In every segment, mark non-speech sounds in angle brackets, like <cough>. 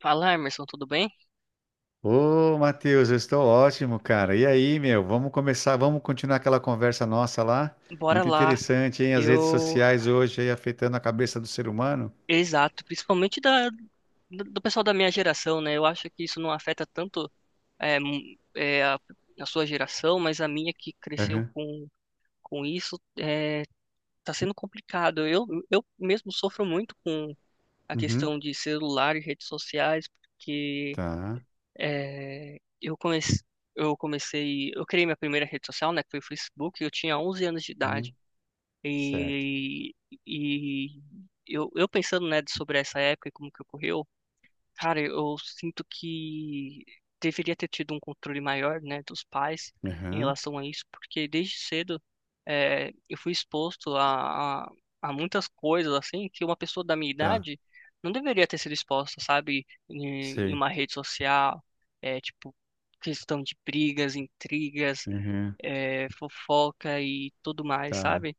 Fala, Emerson, tudo bem? Ô, Matheus, eu estou ótimo, cara. E aí, meu? Vamos continuar aquela conversa nossa lá? Bora Muito lá. interessante, hein? As redes Eu, sociais hoje aí afetando a cabeça do ser humano. exato, principalmente da do pessoal da minha geração, né? Eu acho que isso não afeta tanto é, m- é, a, a sua geração, mas a minha que cresceu Aham, com isso tá sendo complicado. Eu mesmo sofro muito com a uhum, questão de celular e redes sociais, porque tá. é, eu comecei eu comecei, eu criei minha primeira rede social, né? Que foi o Facebook. Eu tinha 11 anos de Uhum, idade. certo. E, e eu pensando, né, sobre essa época e como que ocorreu, cara, eu sinto que deveria ter tido um controle maior, né, dos pais em Aham, relação a isso, porque desde cedo eu fui exposto a muitas coisas, assim, que uma pessoa da minha tá. idade não deveria ter sido exposta, sabe, em Sei. uma rede social, é, tipo, questão de brigas, intrigas, Aham, fofoca e tudo mais, tá. sabe?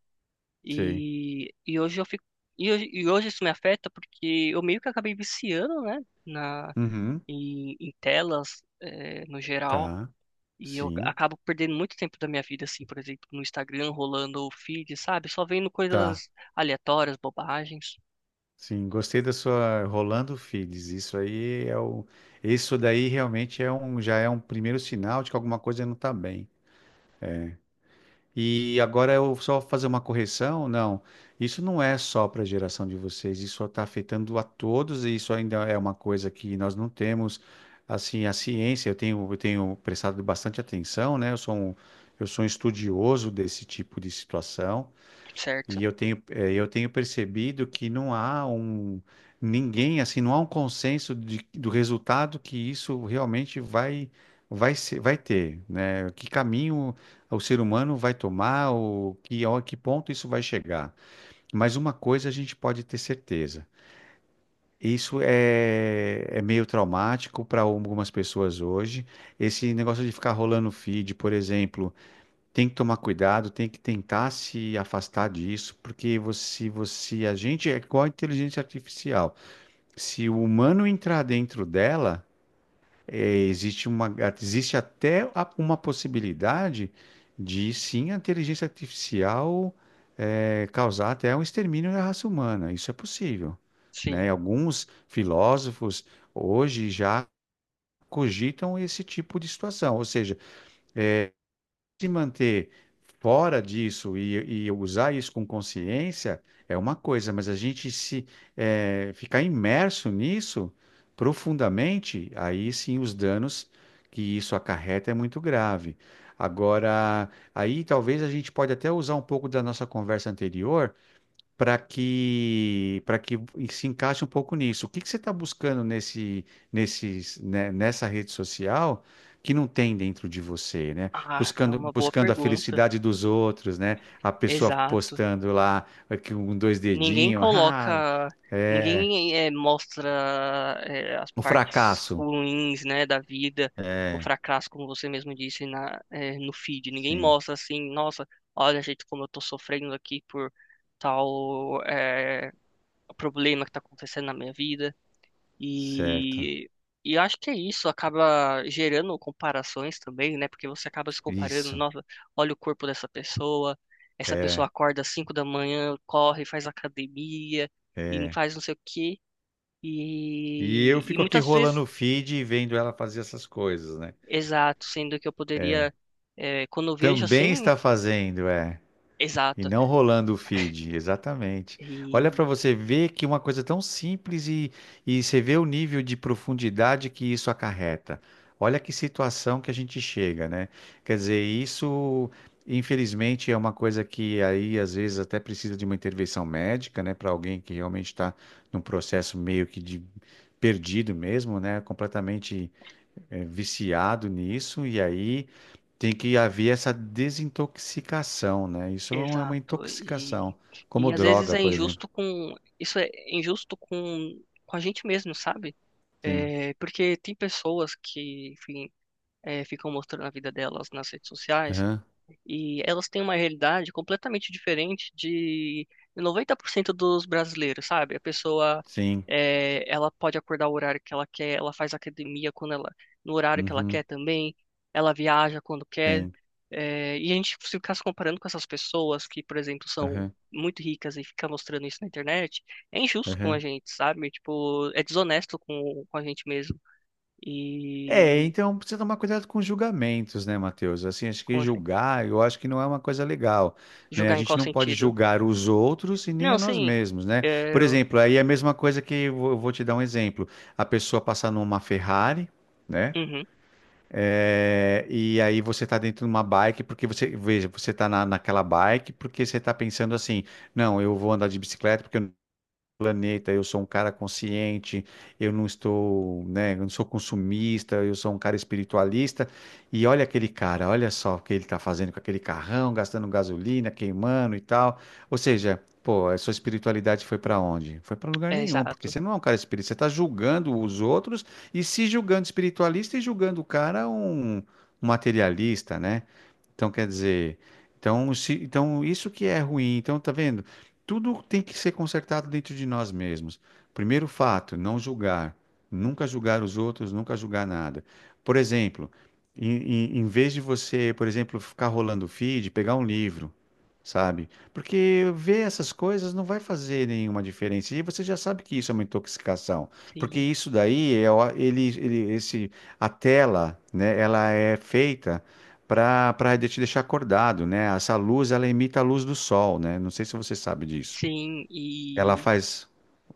Sei. E, e hoje eu fico. E hoje isso me afeta porque eu meio que acabei viciando, né? Na, Uhum, em telas, no geral. tá. E eu Sim, acabo perdendo muito tempo da minha vida, assim, por exemplo, no Instagram, rolando o feed, sabe? Só vendo tá. coisas aleatórias, bobagens, Sim, gostei da sua Rolando Fides. Isso aí é o. Isso daí realmente é um, já é um primeiro sinal de que alguma coisa não tá bem. É. E agora eu só fazer uma correção? Não, isso não é só para a geração de vocês, isso está afetando a todos e isso ainda é uma coisa que nós não temos, assim, a ciência, eu tenho prestado bastante atenção, né? Eu sou um estudioso desse tipo de situação certo? e eu tenho, eu tenho percebido que não há um ninguém assim, não há um consenso de- do resultado que isso realmente vai ser, vai ter, né? Que caminho o ser humano vai tomar, ou que a que ponto isso vai chegar. Mas uma coisa a gente pode ter certeza. Isso é, é meio traumático para algumas pessoas hoje. Esse negócio de ficar rolando feed, por exemplo, tem que tomar cuidado, tem que tentar se afastar disso, porque você, a gente é igual a inteligência artificial. Se o humano entrar dentro dela, existe uma, existe até a- uma possibilidade de sim a inteligência artificial causar até um extermínio da raça humana. Isso é possível, né? Sim. Alguns filósofos hoje já cogitam esse tipo de situação, ou seja se manter fora disso e usar isso com consciência é uma coisa, mas a gente se ficar imerso nisso profundamente, aí sim os danos que isso acarreta é muito grave. Agora, aí talvez a gente pode até usar um pouco da nossa conversa anterior para que se encaixe um pouco nisso. O que que você está buscando nesse, nesses, né, nessa rede social que não tem dentro de você, né? Ah, é uma boa Buscando a pergunta. felicidade dos outros, né? A pessoa Exato. postando lá aqui um dois Ninguém dedinhos, <laughs> ah, coloca, é, ninguém mostra as o partes fracasso. ruins, né, da vida, o É, fracasso, como você mesmo disse na, no feed. Ninguém sim, mostra assim, nossa, olha, gente, como eu tô sofrendo aqui por tal problema que tá acontecendo na minha vida. certo. E, e eu acho que é isso, acaba gerando comparações também, né? Porque você acaba se comparando, Isso. nossa, olha o corpo dessa pessoa, essa pessoa É, acorda às 5 da manhã, corre, faz academia e não é. faz não sei o quê. E eu E fico aqui muitas rolando vezes, o feed e vendo ela fazer essas coisas, né? exato, sendo que eu poderia, é, quando eu vejo Também assim, está fazendo, é. E exato, não rolando o feed, exatamente. Olha para e você ver que uma coisa tão simples e você vê o nível de profundidade que isso acarreta. Olha que situação que a gente chega, né? Quer dizer, isso, infelizmente, é uma coisa que aí às vezes até precisa de uma intervenção médica, né? Para alguém que realmente está num processo meio que de perdido mesmo, né? Completamente viciado nisso, e aí. Tem que haver essa desintoxicação, né? Isso é uma exato, intoxicação, como e às vezes droga, é por exemplo. injusto isso é injusto com a gente mesmo, sabe? Sim. É, porque tem pessoas que, enfim, é, ficam mostrando a vida delas nas redes sociais Aham. e elas têm uma realidade completamente diferente de 90% dos brasileiros, sabe? A pessoa, Sim. é, ela pode acordar o horário que ela quer, ela faz academia quando ela, no horário que ela Uhum. quer também, ela viaja quando quer. Sim. É, e a gente se ficar se comparando com essas pessoas que, por exemplo, são Aham. muito ricas e ficar mostrando isso na internet, é injusto com a Aham. gente, sabe? Tipo, é desonesto com a gente mesmo. É, E. então precisa tomar cuidado com julgamentos, né, Matheus? Assim, acho que Como assim? julgar, eu acho que não é uma coisa legal, né? A Julgar em qual gente não pode sentido? julgar os outros e nem Não, a nós sim. mesmos, né? Por Eu... exemplo, aí é a mesma coisa que eu vou te dar um exemplo. A pessoa passar numa Ferrari, né? Uhum, É, e aí você está dentro de uma bike porque você, veja, você está na, naquela bike porque você está pensando assim, não, eu vou andar de bicicleta porque eu planeta, eu sou um cara consciente, eu não estou, né, eu não sou consumista, eu sou um cara espiritualista. E olha aquele cara, olha só o que ele está fazendo com aquele carrão, gastando gasolina, queimando e tal. Ou seja, pô, a sua espiritualidade foi para onde? Foi para lugar é nenhum, porque exato. você não é um cara espírita, você está julgando os outros e se julgando espiritualista e julgando o cara um um materialista, né? Então, quer dizer, então, se, então isso que é ruim. Então, tá vendo? Tudo tem que ser consertado dentro de nós mesmos. Primeiro fato, não julgar. Nunca julgar os outros, nunca julgar nada. Por exemplo, em vez de você, por exemplo, ficar rolando o feed, pegar um livro, sabe? Porque ver essas coisas não vai fazer nenhuma diferença. E você já sabe que isso é uma intoxicação. Porque Sim. isso daí, é, o- ele, esse, a tela, né, ela é feita para te deixar acordado, né? Essa luz, ela imita a luz do sol, né? Não sei se você sabe disso. Sim, Ela e faz.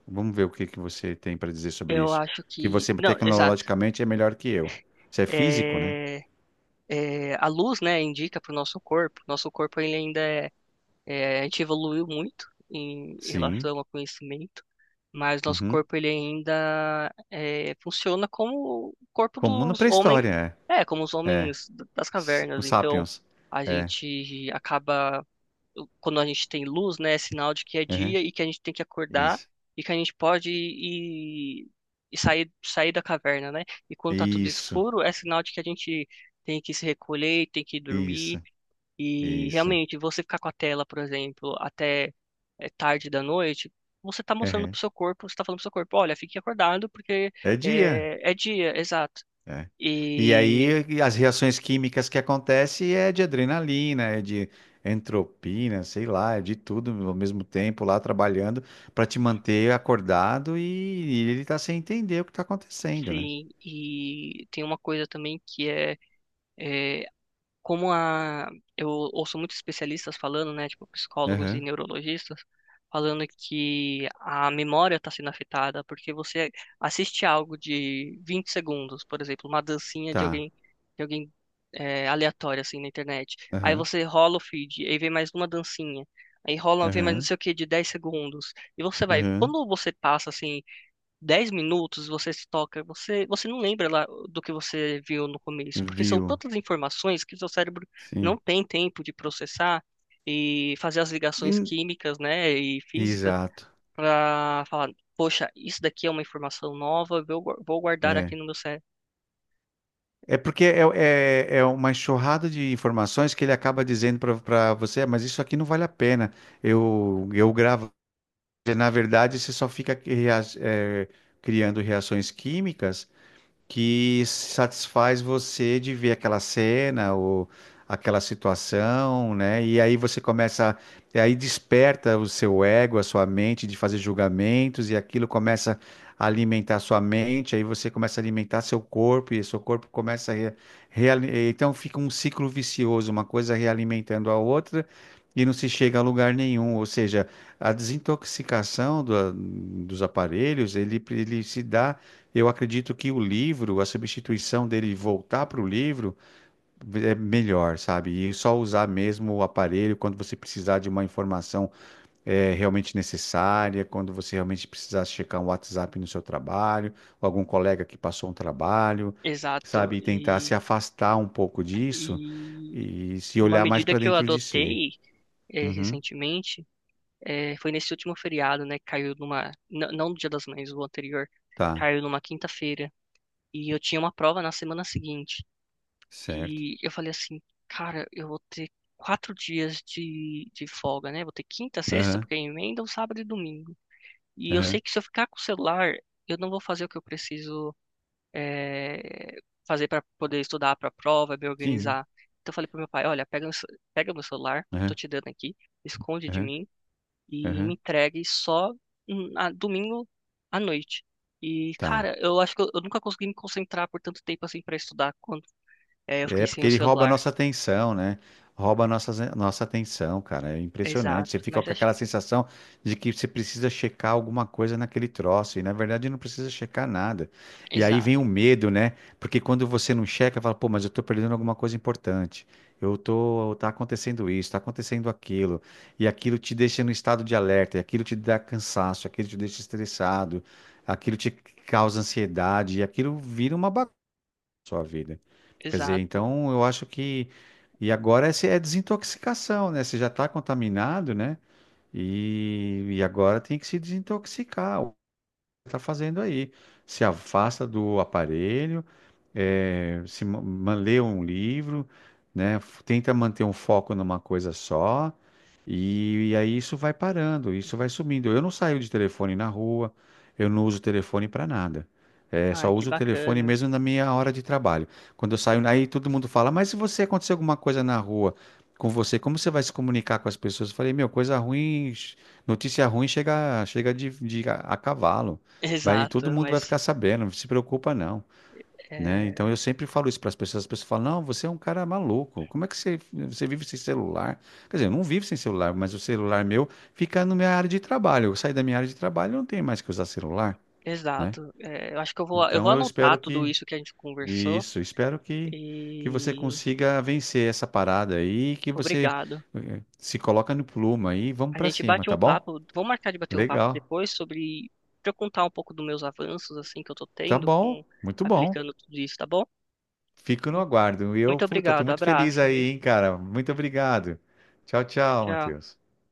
Vamos ver o que que você tem para dizer sobre eu isso. acho Que que. você Não, exato. tecnologicamente é melhor que eu. Você é físico, né? É, é, a luz, né, indica para o nosso corpo. Nosso corpo ele ainda é, é, a gente evoluiu muito em em Sim. relação ao conhecimento, mas nosso Uhum. corpo ele ainda é, funciona como o corpo Comum na dos homens. pré-história, É, como os é. É. homens das S- cavernas. Os Então, sapiens. a É. gente acaba quando a gente tem luz, né, é sinal de que é Uhum. dia e que a gente tem que acordar Isso. e que a gente pode ir e sair, sair da caverna, né? E quando tá tudo Isso. escuro, é sinal de que a gente tem que se recolher, tem que dormir Isso. e Isso. realmente você ficar com a tela, por exemplo, até tarde da noite, você tá mostrando Uhum. pro seu corpo, você tá falando pro seu corpo, olha, fique acordado porque É dia. É dia, exato. É. E E aí as reações químicas que acontecem é de adrenalina, é de entropina, sei lá, é de tudo ao mesmo tempo lá trabalhando para te manter acordado e ele tá sem entender o que tá acontecendo, né? sim, e tem uma coisa também que é, é como a eu ouço muitos especialistas falando, né, tipo psicólogos e Aham, neurologistas falando que a memória está sendo afetada porque você assiste algo de 20 segundos, por exemplo, uma dancinha de tá. alguém de alguém, é, aleatório assim na internet. Aí Aham, você rola o feed, aí vem mais uma dancinha. Aí rola, vem mais não aham, sei o que de 10 segundos. E você vai, aham. quando você passa assim 10 minutos você se toca, você não lembra lá do que você viu no começo, porque são Viu? tantas informações que o seu cérebro não Sim. tem tempo de processar e fazer as ligações E- químicas, né, e físicas Exato. para falar, poxa, isso daqui é uma informação nova, eu vou guardar aqui É. no meu cérebro. É porque é, é, é uma enxurrada de informações que ele acaba dizendo para você, "Ah, mas isso aqui não vale a pena. Eu gravo Na verdade, você só fica cria- eh, criando reações químicas que satisfaz você de ver aquela cena ou aquela situação, né? E aí você começa, e aí desperta o seu ego, a sua mente de fazer julgamentos e aquilo começa a alimentar a sua mente, aí você começa a alimentar seu corpo e seu corpo começa a re, reali- então fica um ciclo vicioso, uma coisa realimentando a outra. E não se chega a lugar nenhum, ou seja, a desintoxicação do- dos aparelhos, ele se dá eu acredito que o livro, a substituição dele voltar para o livro é melhor, sabe? E só usar mesmo o aparelho quando você precisar de uma informação realmente necessária, quando você realmente precisar checar um WhatsApp no seu trabalho, ou algum colega que passou um trabalho, Exato. sabe? E tentar se afastar um pouco disso E e se uma olhar mais medida para que eu dentro de si. adotei Uhum, recentemente foi nesse último feriado, né? Caiu numa. Não no Dia das Mães, o anterior. tá, Caiu numa quinta-feira. E eu tinha uma prova na semana seguinte. certo. E eu falei assim, cara, eu vou ter quatro dias de folga, né? Vou ter quinta, sexta, Aham, porque emenda um sábado e domingo. E eu sei aham, que se eu ficar com o celular, eu não vou fazer o que eu preciso eh, fazer para poder estudar para a prova, me sim, organizar. Então eu falei pro meu pai, olha, pega, pega meu celular, eu tô aham, te dando aqui, esconde de aham, mim e me aham, entregue só domingo à noite. E, tá. cara, eu acho que eu nunca consegui me concentrar por tanto tempo assim pra estudar quando é, eu fiquei É sem porque o ele rouba a celular. nossa atenção, né? Rouba a nossa atenção, cara. É impressionante. Você Exato, fica mas com acho aquela que. sensação de que você precisa checar alguma coisa naquele troço. E na verdade não precisa checar nada. E aí vem Exato, o medo, né? Porque quando você não checa, fala, pô, mas eu tô perdendo alguma coisa importante. Tá acontecendo isso, tá acontecendo aquilo. E aquilo te deixa no estado de alerta, e aquilo te dá cansaço, aquilo te deixa estressado, aquilo te causa ansiedade, e aquilo vira uma bagunça sua vida. Quer dizer, exato. então eu acho que. E agora essa é desintoxicação, né? Você já está contaminado, né? E agora tem que se desintoxicar. O que você está fazendo aí? Se afasta do aparelho, se ma- ma- lê um livro, né? f- Tenta manter um foco numa coisa só, e aí isso vai parando, isso vai sumindo. Eu não saio de telefone na rua, eu não uso telefone para nada. Ah, Só que uso o telefone bacana. mesmo <laughs> na minha hora de trabalho. Quando eu saio, aí todo mundo fala, mas se você acontecer alguma coisa na rua com você, como você vai se comunicar com as pessoas? Eu falei, meu, coisa ruim, ch- notícia ruim chega, chega de, a cavalo. Vai, todo Exato, mundo vai mas. ficar sabendo, não se preocupa não né? Então eu É, sempre falo isso para as pessoas. As pessoas falam: não, você é um cara maluco. Como é que você vive sem celular? Quer dizer, eu não vivo sem celular, mas o celular meu fica na minha área de trabalho. Eu saí da minha área de trabalho, eu não tenho mais que usar celular, né? exato. É, eu acho que eu Então vou eu anotar espero tudo que isso que a gente conversou isso, espero que você e. consiga vencer essa parada aí, que você Obrigado. Se coloca no plumo aí, e vamos A para gente cima, bate tá um bom? papo, vou marcar de bater um papo Legal. depois sobre, pra eu contar um pouco dos meus avanços, assim, que eu tô Tá tendo bom. com, Muito bom. aplicando tudo isso, tá bom? Fico no aguardo. E eu, Muito puta, tô obrigado, muito feliz abraço, aí, viu? hein, cara. Muito obrigado. Tchau, tchau, Tchau. Matheus.